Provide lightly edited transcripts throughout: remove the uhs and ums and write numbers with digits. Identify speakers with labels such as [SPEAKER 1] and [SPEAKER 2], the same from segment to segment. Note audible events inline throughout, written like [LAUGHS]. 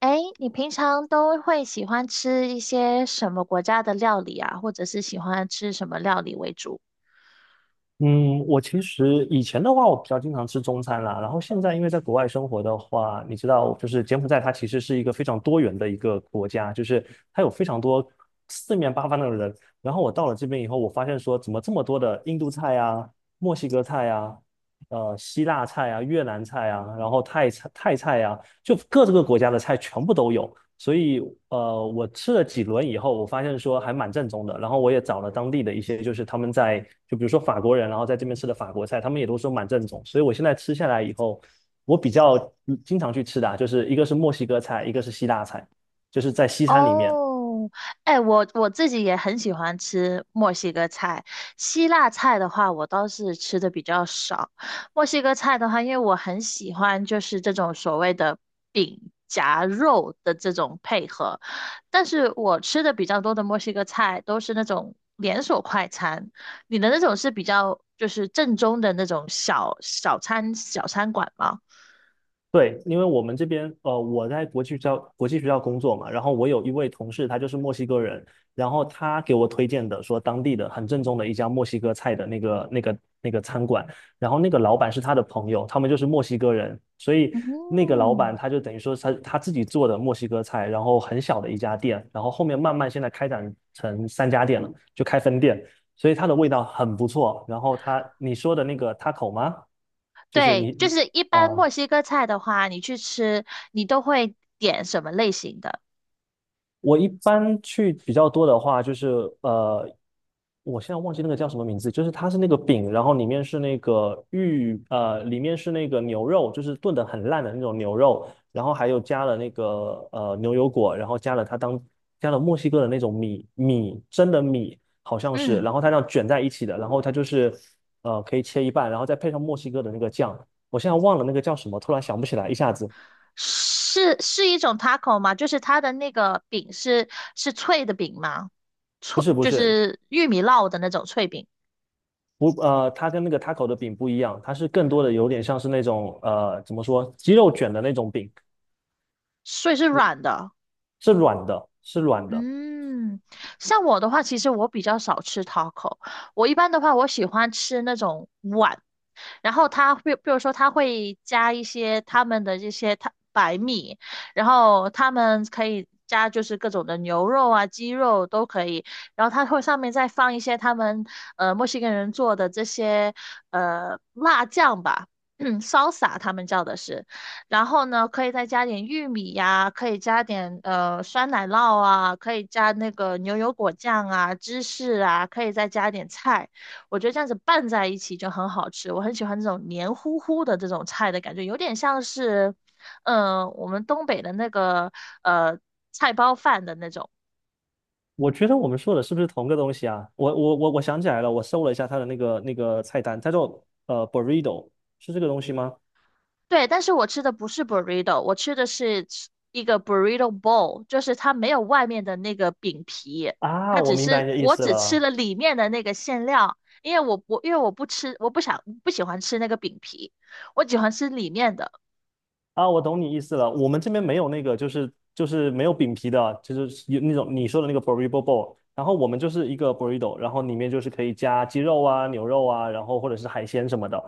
[SPEAKER 1] 哎，你平常都会喜欢吃一些什么国家的料理啊，或者是喜欢吃什么料理为主？
[SPEAKER 2] 嗯，我其实以前的话，我比较经常吃中餐啦。然后现在因为在国外生活的话，你知道，就是柬埔寨它其实是一个非常多元的一个国家，就是它有非常多四面八方的人。然后我到了这边以后，我发现说，怎么这么
[SPEAKER 1] [LAUGHS]
[SPEAKER 2] 多的印度菜啊、墨西哥菜啊、希腊菜啊、越南菜啊，然后泰菜啊，就各这个国家的菜全部都有。所以我吃了几轮以后，我发现说还蛮正宗的。然后我也找了当地的一些，就是他们在就比如说法国人，然后在这边吃的法国菜，他们也都说蛮正宗。所以我现在吃下来以后，我比较经常去吃的啊，就是一个是墨西哥菜，一个是希腊菜，就是在西餐里面。
[SPEAKER 1] 哦，哎，我自己也很喜欢吃墨西哥菜，希腊菜的话，我倒是吃的比较少。墨西哥菜的话，因为我很喜欢就是这种所谓的饼夹肉的这种配合，但是我吃的比较多的墨西哥菜都是那种连锁快餐，你的那种是比较就是正宗的那种小餐馆吗？
[SPEAKER 2] 对，因为我们这边，我在国际学校工作嘛，然后我有一位同事，他就是墨西哥人，然后他给我推荐的，说当地的很正宗的一家墨西哥菜的那个餐馆，然后那个老板是他的朋友，他们就是墨西哥人，所以那个老板
[SPEAKER 1] 嗯。
[SPEAKER 2] 他就等于说他自己做的墨西哥菜，然后很小的一家店，然后后面慢慢现在开展成三家店了，就开分店，所以它的味道很不错。然后他你说的那个 taco 吗？就是
[SPEAKER 1] 对，
[SPEAKER 2] 你
[SPEAKER 1] 就是一
[SPEAKER 2] 嗯
[SPEAKER 1] 般墨
[SPEAKER 2] 啊。
[SPEAKER 1] 西哥菜的话，你去吃，你都会点什么类型的？
[SPEAKER 2] 我一般去比较多的话，就是呃，我现在忘记那个叫什么名字，就是它是那个饼，然后里面是那个玉，里面是那个牛肉，就是炖的很烂的那种牛肉，然后还有加了那个牛油果，然后加了它当加了墨西哥的那种米蒸的米，好像是，
[SPEAKER 1] 嗯，
[SPEAKER 2] 然后它这样卷在一起的，然后它就是可以切一半，然后再配上墨西哥的那个酱，我现在忘了那个叫什么，突然想不起来，一下子。
[SPEAKER 1] 是是一种 taco 吗？就是它的那个饼是是脆的饼吗？
[SPEAKER 2] 不
[SPEAKER 1] 脆
[SPEAKER 2] 是不
[SPEAKER 1] 就
[SPEAKER 2] 是，
[SPEAKER 1] 是玉米烙的那种脆饼，
[SPEAKER 2] 不，它跟那个 taco 的饼不一样，它是更多的有点像是那种怎么说，鸡肉卷的那种饼，
[SPEAKER 1] 所以是软的。
[SPEAKER 2] 是软的，是软的。
[SPEAKER 1] 嗯，像我的话，其实我比较少吃 taco，我一般的话，我喜欢吃那种碗，然后他会，比如说他会加一些他们的这些他白米，然后他们可以加就是各种的牛肉啊、鸡肉都可以，然后他会上面再放一些他们墨西哥人做的这些辣酱吧。[CLEARS THROAT] 嗯 s a 他们叫的是，然后呢，可以再加点玉米呀，可以加点酸奶酪啊，可以加那个牛油果酱啊、芝士啊，可以再加点菜。我觉得这样子拌在一起就很好吃，我很喜欢这种黏糊糊的这种菜的感觉，有点像是，嗯，我们东北的那个呃菜包饭的那种。
[SPEAKER 2] 我觉得我们说的是不是同个东西啊？我想起来了，我搜了一下它的那个菜单，它叫burrito，是这个东西吗？
[SPEAKER 1] 对，但是我吃的不是 burrito，我吃的是一个 burrito bowl，就是它没有外面的那个饼皮，
[SPEAKER 2] 啊，
[SPEAKER 1] 它
[SPEAKER 2] 我
[SPEAKER 1] 只
[SPEAKER 2] 明白
[SPEAKER 1] 是
[SPEAKER 2] 你的意
[SPEAKER 1] 我
[SPEAKER 2] 思
[SPEAKER 1] 只吃
[SPEAKER 2] 了。
[SPEAKER 1] 了里面的那个馅料，因为我不吃，我不喜欢吃那个饼皮，我喜欢吃里面的。
[SPEAKER 2] 啊，我懂你意思了。我们这边没有那个，就是没有饼皮的，就是有那种你说的那个 burrito bowl。然后我们就是一个 burrito，然后里面就是可以加鸡肉啊、牛肉啊，然后或者是海鲜什么的。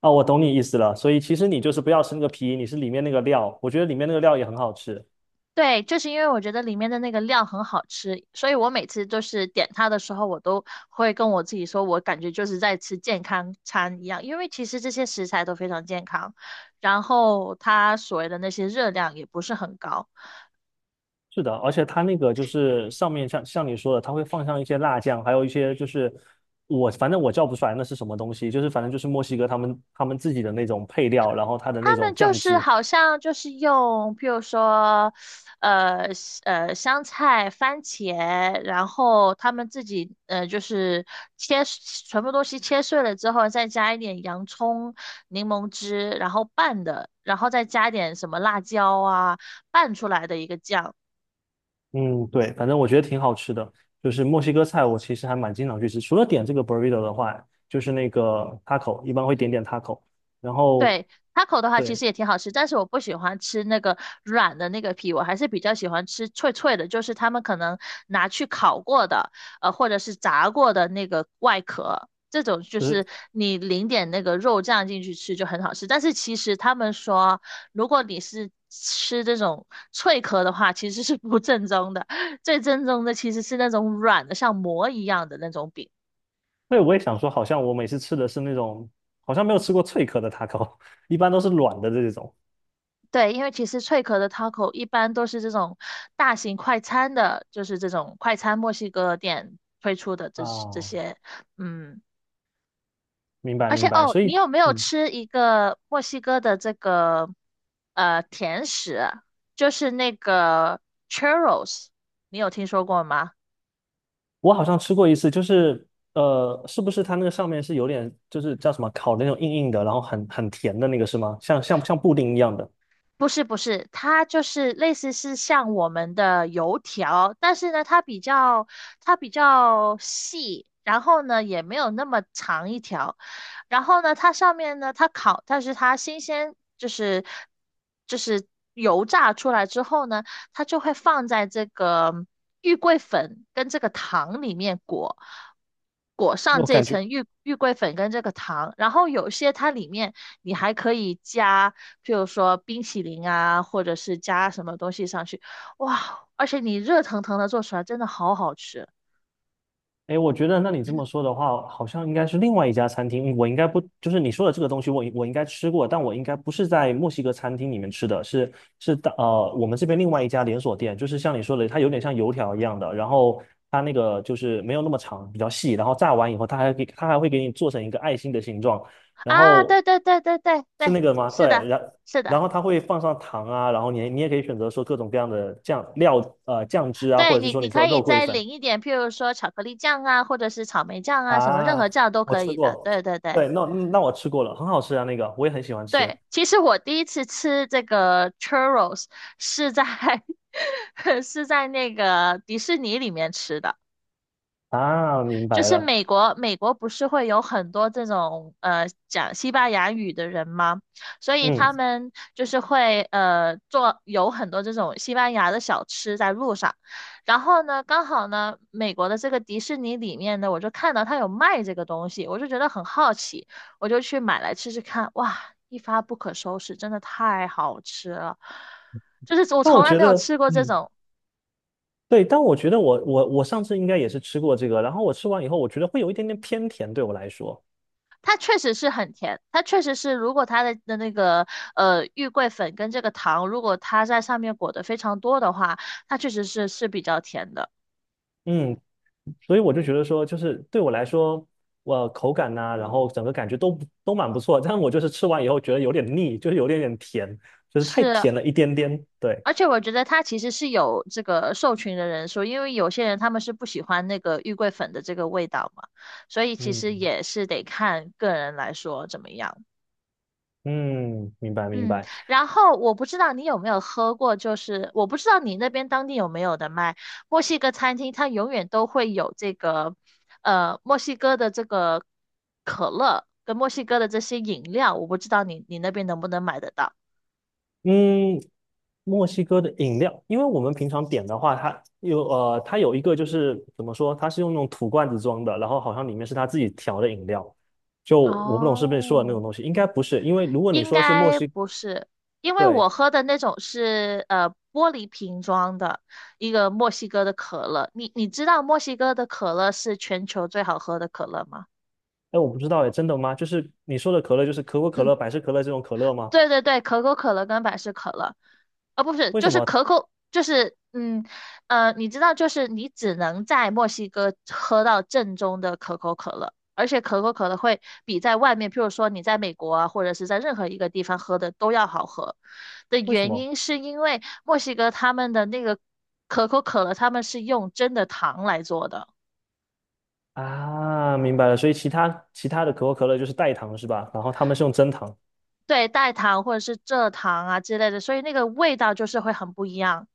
[SPEAKER 2] 啊，我懂你意思了。所以其实你就是不要吃那个皮，你是里面那个料。我觉得里面那个料也很好吃。
[SPEAKER 1] 对，就是因为我觉得里面的那个料很好吃，所以我每次就是点它的时候，我都会跟我自己说，我感觉就是在吃健康餐一样，因为其实这些食材都非常健康，然后它所谓的那些热量也不是很高。
[SPEAKER 2] 是的，而且它那个就是上面像你说的，它会放上一些辣酱，还有一些就是我反正我叫不出来那是什么东西，就是反正就是墨西哥他们自己的那种配料，然后它的那
[SPEAKER 1] 他
[SPEAKER 2] 种
[SPEAKER 1] 们就
[SPEAKER 2] 酱
[SPEAKER 1] 是
[SPEAKER 2] 汁。
[SPEAKER 1] 好像就是用，譬如说，呃，香菜、番茄，然后他们自己就是切全部东西切碎了之后，再加一点洋葱、柠檬汁，然后拌的，然后再加点什么辣椒啊，拌出来的一个酱。
[SPEAKER 2] 嗯，对，反正我觉得挺好吃的。就是墨西哥菜，我其实还蛮经常去吃。除了点这个 burrito 的话，就是那个 taco，一般会点taco。然后，
[SPEAKER 1] 对，taco 的话其
[SPEAKER 2] 对，
[SPEAKER 1] 实也挺好吃，但是我不喜欢吃那个软的那个皮，我还是比较喜欢吃脆脆的，就是他们可能拿去烤过的，或者是炸过的那个外壳，这种就
[SPEAKER 2] 就
[SPEAKER 1] 是
[SPEAKER 2] 是
[SPEAKER 1] 你淋点那个肉酱进去吃就很好吃。但是其实他们说，如果你是吃这种脆壳的话，其实是不正宗的，最正宗的其实是那种软的，像馍一样的那种饼。
[SPEAKER 2] 对，我也想说，好像我每次吃的是那种，好像没有吃过脆壳的 taco，[LAUGHS] 一般都是软的这种。
[SPEAKER 1] 对，因为其实脆壳的 taco 一般都是这种大型快餐的，就是这种快餐墨西哥店推出的这这
[SPEAKER 2] 啊，
[SPEAKER 1] 些，嗯，
[SPEAKER 2] 明白
[SPEAKER 1] 而且
[SPEAKER 2] 明白。
[SPEAKER 1] 哦，
[SPEAKER 2] 所
[SPEAKER 1] 你
[SPEAKER 2] 以，
[SPEAKER 1] 有没有
[SPEAKER 2] 嗯，
[SPEAKER 1] 吃一个墨西哥的这个甜食啊就是那个 churros，你有听说过吗？
[SPEAKER 2] 我好像吃过一次，就是是不是它那个上面是有点，就是叫什么烤的那种硬硬的，然后很甜的那个是吗？像布丁一样的，
[SPEAKER 1] 不是不是，它就是类似是像我们的油条，但是呢，它比较细，然后呢也没有那么长一条，然后呢它上面呢它烤，但是它新鲜就是油炸出来之后呢，它就会放在这个玉桂粉跟这个糖里面裹，裹上
[SPEAKER 2] 我
[SPEAKER 1] 这
[SPEAKER 2] 感觉。
[SPEAKER 1] 层玉桂粉跟这个糖，然后有些它里面你还可以加，譬如说冰淇淋啊，或者是加什么东西上去，哇，而且你热腾腾的做出来真的好好吃
[SPEAKER 2] 哎，我觉得那你这么说的话，好像应该是另外一家餐厅。我应该不，就是你说的这个东西我，我应该吃过，但我应该不是在墨西哥餐厅里面吃的，是是的，我们这边另外一家连锁店，就是像你说的，它有点像油条一样的，然后它那个就是没有那么长，比较细，然后炸完以后，它还会给你做成一个爱心的形状，然
[SPEAKER 1] 啊！
[SPEAKER 2] 后
[SPEAKER 1] 对对对对对
[SPEAKER 2] 是
[SPEAKER 1] 对，
[SPEAKER 2] 那个吗？
[SPEAKER 1] 是
[SPEAKER 2] 对，
[SPEAKER 1] 的，
[SPEAKER 2] 然
[SPEAKER 1] 是的。
[SPEAKER 2] 然后它会放上糖啊，然后你也可以选择说各种各样的酱料，酱汁啊，或
[SPEAKER 1] 对
[SPEAKER 2] 者是
[SPEAKER 1] 你，
[SPEAKER 2] 说
[SPEAKER 1] 你
[SPEAKER 2] 你
[SPEAKER 1] 可
[SPEAKER 2] 说的
[SPEAKER 1] 以
[SPEAKER 2] 肉桂
[SPEAKER 1] 再
[SPEAKER 2] 粉。
[SPEAKER 1] 淋一点，譬如说巧克力酱啊，或者是草莓酱啊，什么任何
[SPEAKER 2] 啊，
[SPEAKER 1] 酱都
[SPEAKER 2] 我
[SPEAKER 1] 可
[SPEAKER 2] 吃
[SPEAKER 1] 以的。
[SPEAKER 2] 过，
[SPEAKER 1] 对对对。
[SPEAKER 2] 对，那那我吃过了，很好吃啊，那个我也很喜欢吃
[SPEAKER 1] 对，其实我第一次吃这个 churros 是在 [LAUGHS] 是在那个迪士尼里面吃的。
[SPEAKER 2] 啊，明
[SPEAKER 1] 就
[SPEAKER 2] 白
[SPEAKER 1] 是
[SPEAKER 2] 了，
[SPEAKER 1] 美国，美国不是会有很多这种讲西班牙语的人吗？所以
[SPEAKER 2] 嗯，
[SPEAKER 1] 他们就是会做有很多这种西班牙的小吃在路上。然后呢，刚好呢，美国的这个迪士尼里面呢，我就看到它有卖这个东西，我就觉得很好奇，我就去买来吃吃看。哇，一发不可收拾，真的太好吃了！就是我
[SPEAKER 2] 但我
[SPEAKER 1] 从来
[SPEAKER 2] 觉
[SPEAKER 1] 没有
[SPEAKER 2] 得，
[SPEAKER 1] 吃过这
[SPEAKER 2] 嗯，
[SPEAKER 1] 种
[SPEAKER 2] 对，但我觉得我上次应该也是吃过这个，然后我吃完以后，我觉得会有一点点偏甜，对我来说，
[SPEAKER 1] 它确实是很甜，它确实是，如果它的那个玉桂粉跟这个糖，如果它在上面裹得非常多的话，它确实是是比较甜的，
[SPEAKER 2] 嗯，所以我就觉得说，就是对我来说，我口感呐、然后整个感觉都不都蛮不错，但我就是吃完以后觉得有点腻，就是有点点甜，就是太
[SPEAKER 1] 是。
[SPEAKER 2] 甜了一点点，对，
[SPEAKER 1] 而且我觉得它其实是有这个受群的人说，因为有些人他们是不喜欢那个玉桂粉的这个味道嘛，所以其实
[SPEAKER 2] 嗯
[SPEAKER 1] 也是得看个人来说怎么样。
[SPEAKER 2] 嗯，明白明
[SPEAKER 1] 嗯，
[SPEAKER 2] 白。
[SPEAKER 1] 然后我不知道你有没有喝过，就是我不知道你那边当地有没有的卖墨西哥餐厅，它永远都会有这个，呃，墨西哥的这个可乐跟墨西哥的这些饮料，我不知道你你那边能不能买得到，
[SPEAKER 2] 嗯，墨西哥的饮料，因为我们平常点的话，它有它有一个就是怎么说，它是用那种土罐子装的，然后好像里面是它自己调的饮料，就我不懂是不是说的那
[SPEAKER 1] 哦，
[SPEAKER 2] 种东西，应该不是，因为如果你
[SPEAKER 1] 应
[SPEAKER 2] 说是墨
[SPEAKER 1] 该
[SPEAKER 2] 西，
[SPEAKER 1] 不是，因为我
[SPEAKER 2] 对，
[SPEAKER 1] 喝的那种是玻璃瓶装的一个墨西哥的可乐，你你知道墨西哥的可乐是全球最好喝的可乐吗？
[SPEAKER 2] 哎，我不知道哎，真的吗？就是你说的可乐，就是可口可乐、百
[SPEAKER 1] [CLEARS THROAT]
[SPEAKER 2] 事可乐这种可乐吗？
[SPEAKER 1] 对对对，可口可乐跟百事可乐，啊，不是，
[SPEAKER 2] 为
[SPEAKER 1] 就
[SPEAKER 2] 什
[SPEAKER 1] 是
[SPEAKER 2] 么？
[SPEAKER 1] 可口，就是嗯，你知道，就是你只能在墨西哥喝到正宗的可口可乐，而且可口可乐会比在外面，譬如说你在美国啊，或者是在任何一个地方喝的都要好喝。的
[SPEAKER 2] 为什
[SPEAKER 1] 原
[SPEAKER 2] 么？
[SPEAKER 1] 因是因为墨西哥他们的那个可口可乐，他们是用真的糖来做的，
[SPEAKER 2] 啊，明白了，所以其他的可口可乐就是代糖是吧？然后他们是用真糖，
[SPEAKER 1] 对，代糖或者是蔗糖啊之类的，所以那个味道就是会很不一样。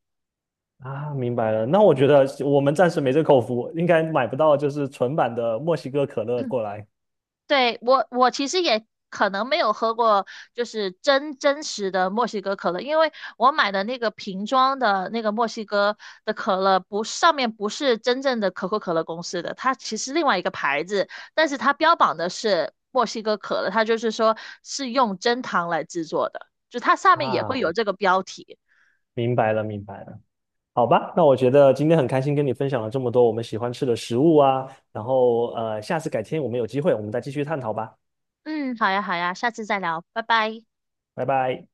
[SPEAKER 2] 啊，明白了。那我觉得我们暂时没这口福，应该买不到就是纯版的墨西哥可乐过
[SPEAKER 1] [CLEARS THROAT]
[SPEAKER 2] 来
[SPEAKER 1] 对，我其实也可能没有喝过，就是真真实的墨西哥可乐，因为我买的那个瓶装的那个墨西哥的可乐不，上面不是真正的可口可乐公司的，它其实另外一个牌子，但是它标榜的是墨西哥可乐，它就是说是用真糖来制作的，就它上面也会有
[SPEAKER 2] 啊。
[SPEAKER 1] 这个标题。
[SPEAKER 2] 明白了，明白了。好吧，那我觉得今天很开心跟你分享了这么多我们喜欢吃的食物啊，然后下次改天我们有机会我们再继续探讨吧，
[SPEAKER 1] 嗯，好呀好呀，下次再聊，拜拜。
[SPEAKER 2] 拜拜。